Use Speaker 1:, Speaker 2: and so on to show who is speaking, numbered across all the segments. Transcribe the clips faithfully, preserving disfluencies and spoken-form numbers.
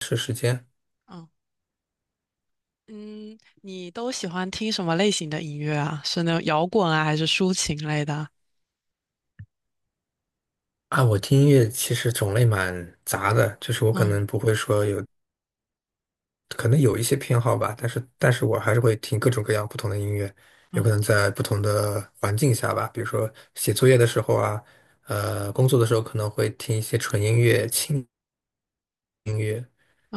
Speaker 1: 是时间
Speaker 2: 嗯嗯，你都喜欢听什么类型的音乐啊？是那种摇滚啊，还是抒情类的啊？
Speaker 1: 啊，我听音乐其实种类蛮杂的，就是我可
Speaker 2: 嗯。
Speaker 1: 能不会说有，可能有一些偏好吧，但是但是我还是会听各种各样不同的音乐，有可
Speaker 2: 嗯。
Speaker 1: 能在不同的环境下吧，比如说写作业的时候啊，呃，工作的时候可能会听一些纯音乐、轻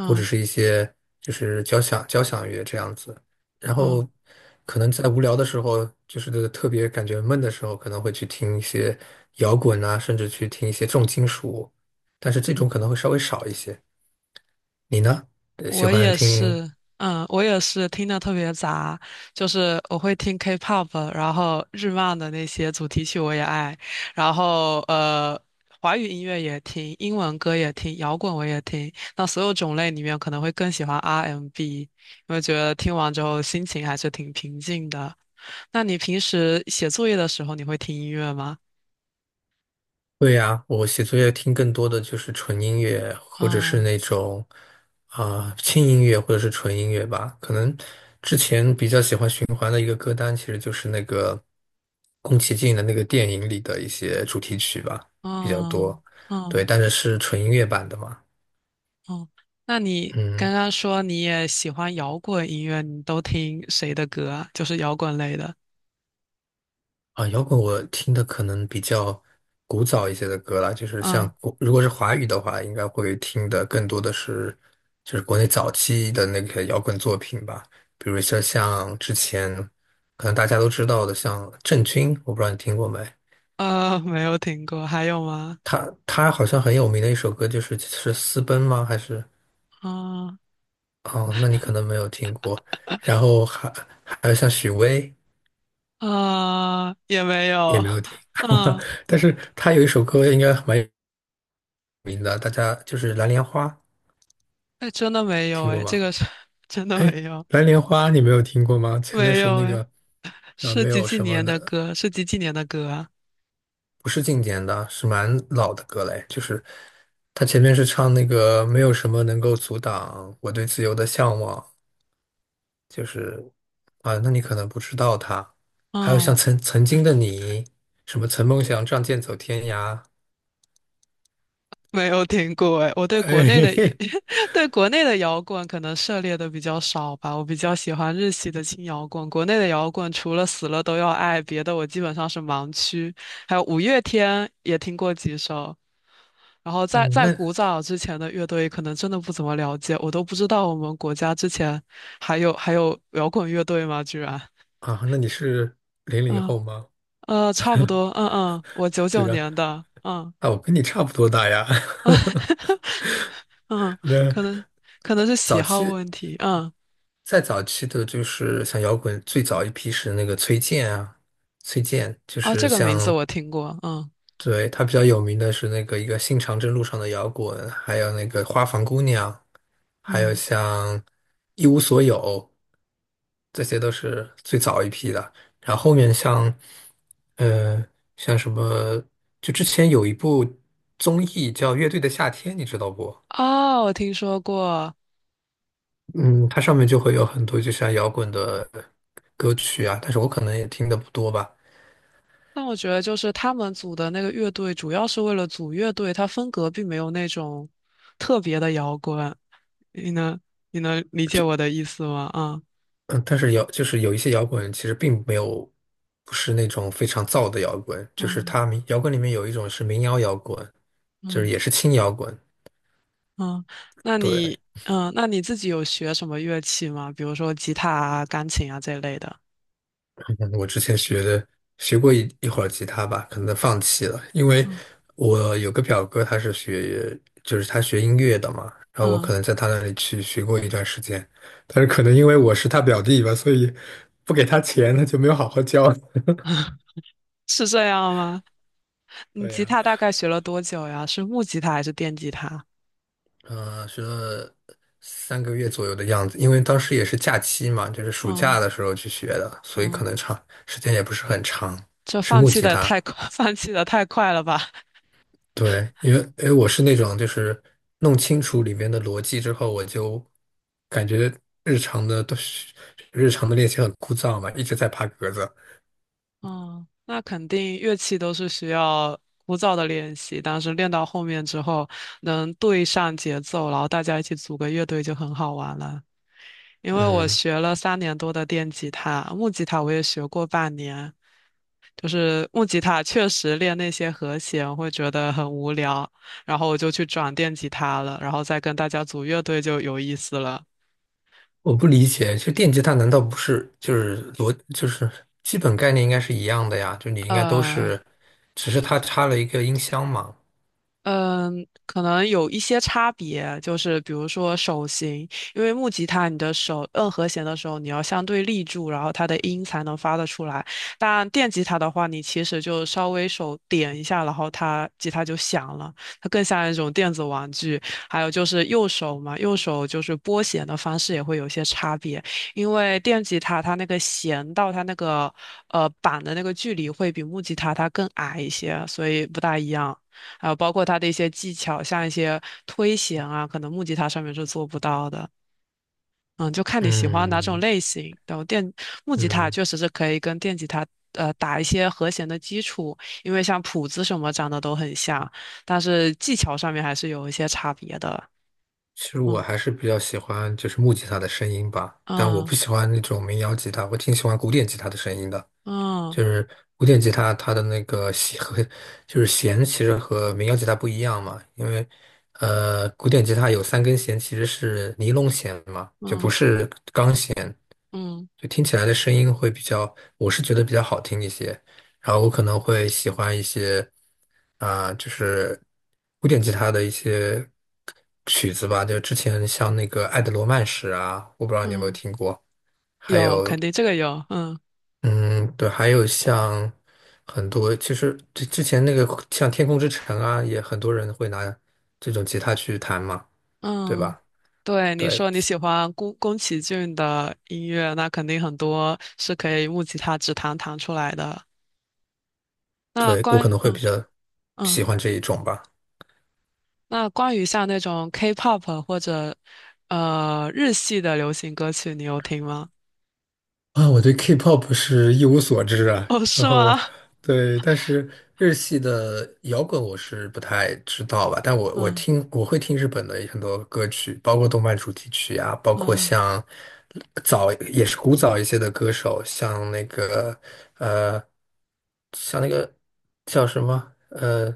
Speaker 1: 或者是一些就是交响交响乐这样子。然
Speaker 2: 嗯。
Speaker 1: 后可能在无聊的时候，就是特别感觉闷的时候，可能会去听一些摇滚啊，甚至去听一些重金属，但是这
Speaker 2: 嗯。
Speaker 1: 种可能会稍微少一些。你呢？呃喜
Speaker 2: 我
Speaker 1: 欢
Speaker 2: 也
Speaker 1: 听？
Speaker 2: 是。嗯，我也是听的特别杂，就是我会听 K-pop，然后日漫的那些主题曲我也爱，然后呃，华语音乐也听，英文歌也听，摇滚我也听。那所有种类里面，可能会更喜欢 R and B，m 因为觉得听完之后心情还是挺平静的。那你平时写作业的时候，你会听音乐吗？
Speaker 1: 对呀，我写作业听更多的就是纯音乐，或者是
Speaker 2: 啊。
Speaker 1: 那种啊、轻音乐，或者是纯音乐吧。可能之前比较喜欢循环的一个歌单，其实就是那个宫崎骏的那个电影里的一些主题曲吧，比较
Speaker 2: 啊。
Speaker 1: 多。
Speaker 2: 啊！
Speaker 1: 对，但是是纯音乐版的嘛。
Speaker 2: 哦，那你刚
Speaker 1: 嗯，
Speaker 2: 刚说你也喜欢摇滚音乐，你都听谁的歌啊？就是摇滚类的。
Speaker 1: 啊，摇滚我听的可能比较古早一些的歌啦，就是像
Speaker 2: 嗯。
Speaker 1: 国，如果是华语的话，应该会听的更多的是就是国内早期的那个摇滚作品吧，比如说像之前可能大家都知道的，像郑钧，我不知道你听过没？
Speaker 2: 呃，没有听过，还有吗？
Speaker 1: 他他好像很有名的一首歌就是是《私奔》吗？还是
Speaker 2: 啊、
Speaker 1: 哦，那你可能没有听过。然后还还有像许巍
Speaker 2: 啊、也没
Speaker 1: 也
Speaker 2: 有。
Speaker 1: 没有听，
Speaker 2: 嗯，
Speaker 1: 但是他有一首歌应该蛮有名的，大家就是《蓝莲花》。
Speaker 2: 哎，真的没有
Speaker 1: 听过
Speaker 2: 哎，这
Speaker 1: 吗？
Speaker 2: 个是 真的
Speaker 1: 哎，
Speaker 2: 没有，
Speaker 1: 蓝莲花你没有听过吗？前面
Speaker 2: 没
Speaker 1: 是
Speaker 2: 有
Speaker 1: 那
Speaker 2: 哎，
Speaker 1: 个，啊，
Speaker 2: 是
Speaker 1: 没
Speaker 2: 几
Speaker 1: 有
Speaker 2: 几
Speaker 1: 什么
Speaker 2: 年的
Speaker 1: 的，
Speaker 2: 歌？是几几年的歌啊？
Speaker 1: 不是经典的，是蛮老的歌嘞。就是他前面是唱那个没有什么能够阻挡我对自由的向往，就是啊，那你可能不知道他。还有像
Speaker 2: 哦。
Speaker 1: 曾曾经的你，什么曾梦想仗剑走天涯，
Speaker 2: 没有听过哎，我对国内的
Speaker 1: 哎，
Speaker 2: 对国内的摇滚可能涉猎的比较少吧，我比较喜欢日系的轻摇滚。国内的摇滚除了死了都要爱，别的我基本上是盲区。还有五月天也听过几首，然后 在
Speaker 1: 嗯，
Speaker 2: 在古
Speaker 1: 那
Speaker 2: 早之前的乐队可能真的不怎么了解，我都不知道我们国家之前还有还有摇滚乐队吗？居然。
Speaker 1: 啊，那你是零零
Speaker 2: 嗯。
Speaker 1: 后吗？
Speaker 2: 呃，差不多，嗯嗯，我九
Speaker 1: 对
Speaker 2: 九
Speaker 1: 呀，
Speaker 2: 年的，嗯。
Speaker 1: 啊，我跟你差不多大呀。
Speaker 2: 嗯，
Speaker 1: 那
Speaker 2: 可能可能是喜好问题。嗯。
Speaker 1: 再早期的，就是像摇滚最早一批是那个崔健啊，崔健就
Speaker 2: 哦，这
Speaker 1: 是
Speaker 2: 个名字
Speaker 1: 像，
Speaker 2: 我听过。嗯。
Speaker 1: 对，他比较有名的是那个一个新长征路上的摇滚，还有那个花房姑娘，还有
Speaker 2: 嗯。
Speaker 1: 像一无所有，这些都是最早一批的。然后后面像，呃，像什么，就之前有一部综艺叫《乐队的夏天》，你知道不？
Speaker 2: 哦，我听说过。
Speaker 1: 嗯，它上面就会有很多就像摇滚的歌曲啊，但是我可能也听的不多吧。
Speaker 2: 但我觉得就是他们组的那个乐队，主要是为了组乐队，它风格并没有那种特别的摇滚。你能你能理解我的意思吗？啊。
Speaker 1: 嗯，但是摇就是有一些摇滚其实并没有，不是那种非常燥的摇滚，就是
Speaker 2: 嗯。
Speaker 1: 它民摇滚里面有一种是民谣摇滚，就是
Speaker 2: 嗯。
Speaker 1: 也是轻摇滚，
Speaker 2: 嗯，那
Speaker 1: 对。
Speaker 2: 你嗯，那你自己有学什么乐器吗？比如说吉他啊、钢琴啊这类的。
Speaker 1: 嗯我之前学的学过一一会儿吉他吧，可能放弃了，因为
Speaker 2: 嗯。
Speaker 1: 我有个表哥，他是学就是他学音乐的嘛，然后我可
Speaker 2: 嗯，
Speaker 1: 能在他那里去学过一段时间，但是可能因为我是他表弟吧，所以不给他钱，他就没有好好教。
Speaker 2: 是这样吗？你
Speaker 1: 对
Speaker 2: 吉
Speaker 1: 呀，
Speaker 2: 他大概学了多久呀？是木吉他还是电吉他？
Speaker 1: 嗯，学了三个月左右的样子，因为当时也是假期嘛，就是暑
Speaker 2: 嗯。
Speaker 1: 假的时候去学的，所以
Speaker 2: 嗯，
Speaker 1: 可能长时间也不是很长，
Speaker 2: 这
Speaker 1: 是
Speaker 2: 放
Speaker 1: 木
Speaker 2: 弃
Speaker 1: 吉
Speaker 2: 的
Speaker 1: 他。
Speaker 2: 太快，放弃的太快了吧？
Speaker 1: 对，因为因为我是那种就是弄清楚里面的逻辑之后，我就感觉日常的都是日常的练习很枯燥嘛，一直在爬格子。
Speaker 2: 嗯，那肯定乐器都是需要枯燥的练习，但是练到后面之后能对上节奏，然后大家一起组个乐队就很好玩了。因为我
Speaker 1: 嗯，
Speaker 2: 学了三年多的电吉他，木吉他我也学过半年，就是木吉他确实练那些和弦会觉得很无聊，然后我就去转电吉他了，然后再跟大家组乐队就有意思了。
Speaker 1: 我不理解，就电吉他难道不是就是逻就是基本概念应该是一样的呀？就你应该都
Speaker 2: 呃，
Speaker 1: 是，只是它插了一个音箱嘛。
Speaker 2: 嗯，可能有一些差别，就是比如说手型，因为木吉他你的手摁和弦的时候，你要相对立住，然后它的音才能发得出来。但电吉他的话，你其实就稍微手点一下，然后它吉他就响了，它更像一种电子玩具。还有就是右手嘛，右手就是拨弦的方式也会有些差别，因为电吉他它那个弦到它那个呃板的那个距离会比木吉他它更矮一些，所以不大一样。还有包括它的一些技巧，像一些推弦啊，可能木吉他上面是做不到的。嗯，就看你喜欢哪种
Speaker 1: 嗯
Speaker 2: 类型。然后电木吉他
Speaker 1: 嗯，
Speaker 2: 确实是可以跟电吉他呃打一些和弦的基础，因为像谱子什么长得都很像，但是技巧上面还是有一些差别的。
Speaker 1: 其实我
Speaker 2: 嗯。
Speaker 1: 还是比较喜欢就是木吉他的声音吧，但我
Speaker 2: 嗯。
Speaker 1: 不喜欢那种民谣吉他，我挺喜欢古典吉他的声音的。
Speaker 2: 嗯。
Speaker 1: 就是古典吉他，它的那个弦和就是弦其实和民谣吉他不一样嘛，因为呃，古典吉他有三根弦其实是尼龙弦嘛，就不
Speaker 2: 嗯。
Speaker 1: 是钢弦，
Speaker 2: 嗯。
Speaker 1: 就听起来的声音会比较，我是觉得比较好听一些。然后我可能会喜欢一些啊、就是古典吉他的一些曲子吧，就之前像那个《爱的罗曼史》啊，我不知道你有没有
Speaker 2: 嗯，
Speaker 1: 听过，还
Speaker 2: 有，肯
Speaker 1: 有
Speaker 2: 定这个有，嗯。
Speaker 1: 嗯，对，还有像很多，其实之之前那个像《天空之城》啊，也很多人会拿这种吉他去弹嘛，对
Speaker 2: 嗯，
Speaker 1: 吧？
Speaker 2: 对，你
Speaker 1: 对，
Speaker 2: 说你喜欢宫宫崎骏的音乐，那肯定很多是可以木吉他指弹弹出来的。那
Speaker 1: 对，我
Speaker 2: 关
Speaker 1: 可
Speaker 2: 于
Speaker 1: 能会比
Speaker 2: 嗯
Speaker 1: 较
Speaker 2: 嗯，
Speaker 1: 喜欢这一种吧。
Speaker 2: 那关于像那种 K-pop 或者呃日系的流行歌曲，你有听吗？
Speaker 1: 啊，我对 K-pop 是一无所知啊，
Speaker 2: 哦，是
Speaker 1: 然
Speaker 2: 吗？
Speaker 1: 后对，但是日系的摇滚我是不太知道吧，但我我
Speaker 2: 嗯。
Speaker 1: 听我会听日本的很多歌曲，包括动漫主题曲啊，包括
Speaker 2: 嗯，
Speaker 1: 像早也是古早一些的歌手，像那个呃，像那个叫什么呃，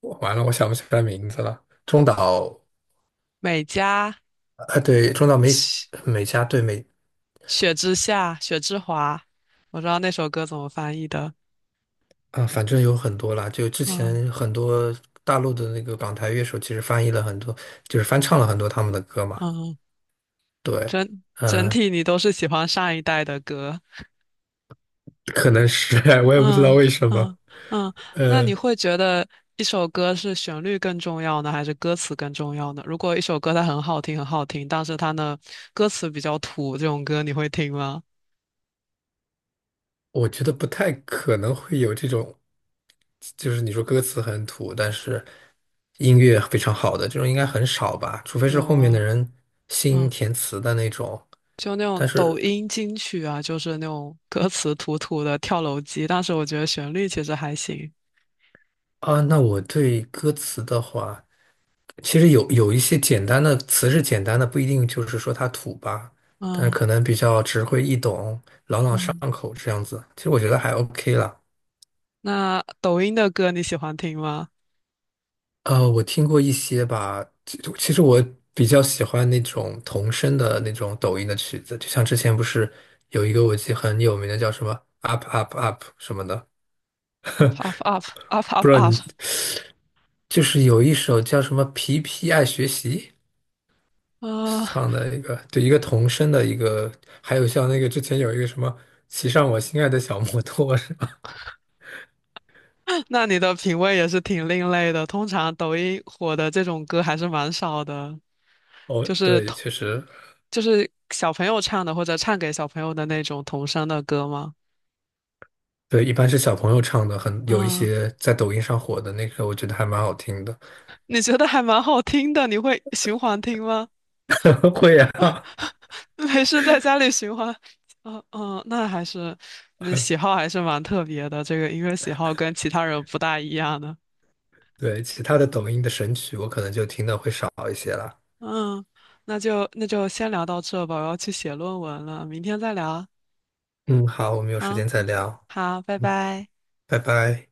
Speaker 1: 我完了，我想不起来名字了，中岛
Speaker 2: 美嘉、
Speaker 1: 啊，对，中岛美
Speaker 2: 雪
Speaker 1: 美嘉，对美
Speaker 2: 雪之下、雪之华，我知道那首歌怎么翻译的。
Speaker 1: 啊，反正有很多啦，就之
Speaker 2: 嗯。
Speaker 1: 前很多大陆的那个港台乐手，其实翻译了很多，就是翻唱了很多他们的歌嘛。
Speaker 2: 嗯，
Speaker 1: 对，
Speaker 2: 整整
Speaker 1: 嗯，
Speaker 2: 体你都是喜欢上一代的歌。
Speaker 1: 可能是，我也不知道
Speaker 2: 嗯。
Speaker 1: 为什
Speaker 2: 嗯。
Speaker 1: 么。
Speaker 2: 嗯，那你
Speaker 1: 呃，
Speaker 2: 会觉得一首歌是旋律更重要呢，还是歌词更重要呢？如果一首歌它很好听，很好听，但是它呢歌词比较土，这种歌你会听吗？
Speaker 1: 我觉得不太可能会有这种，就是你说歌词很土，但是音乐非常好的这种应该很少吧，除非是
Speaker 2: 有
Speaker 1: 后面的
Speaker 2: 啊。
Speaker 1: 人新
Speaker 2: 嗯，
Speaker 1: 填词的那种。
Speaker 2: 就那种
Speaker 1: 但
Speaker 2: 抖
Speaker 1: 是
Speaker 2: 音金曲啊，就是那种 歌词土土的跳楼机，但是我觉得旋律其实还行。
Speaker 1: 啊，那我对歌词的话。其实有有一些简单的词是简单的，不一定就是说它土吧，但
Speaker 2: 嗯。
Speaker 1: 可能比较直会易懂、朗朗上
Speaker 2: 嗯，
Speaker 1: 口这样子。其实我觉得还 OK 了。
Speaker 2: 那抖音的歌你喜欢听吗
Speaker 1: 呃，我听过一些吧，其其实我比较喜欢那种童声的那种抖音的曲子，就像之前不是有一个我记得很有名的叫什么 Up Up Up 什么的，
Speaker 2: ？Up up up up
Speaker 1: 不
Speaker 2: up
Speaker 1: 知道
Speaker 2: up
Speaker 1: 你就是有一首叫什么皮皮爱学习。
Speaker 2: 啊！
Speaker 1: 唱的一个，对，一个童声的一个，还有像那个之前有一个什么骑上我心爱的小摩托是吧？
Speaker 2: 那你的品味也是挺另类的。通常抖音火的这种歌还是蛮少的，
Speaker 1: 哦，
Speaker 2: 就是
Speaker 1: 对，
Speaker 2: 童
Speaker 1: 确实，
Speaker 2: 就是小朋友唱的或者唱给小朋友的那种童声的歌吗？
Speaker 1: 对，一般是小朋友唱的，很有一
Speaker 2: 啊，
Speaker 1: 些在抖音上火的那个，我觉得还蛮好听的。
Speaker 2: 你觉得还蛮好听的，你会循环听吗？
Speaker 1: 会啊，
Speaker 2: 没事，在家里循环。嗯。嗯，那还是那喜好还是蛮特别的，这个音乐喜好跟其他人不大一样的。
Speaker 1: 对，其他的抖音的神曲我可能就听的会少一些了。
Speaker 2: 嗯，那就那就先聊到这吧，我要去写论文了，明天再聊。
Speaker 1: 嗯，好，我们有时
Speaker 2: 好，
Speaker 1: 间再
Speaker 2: 嗯，
Speaker 1: 聊，
Speaker 2: 好，拜
Speaker 1: 嗯，
Speaker 2: 拜。
Speaker 1: 拜拜。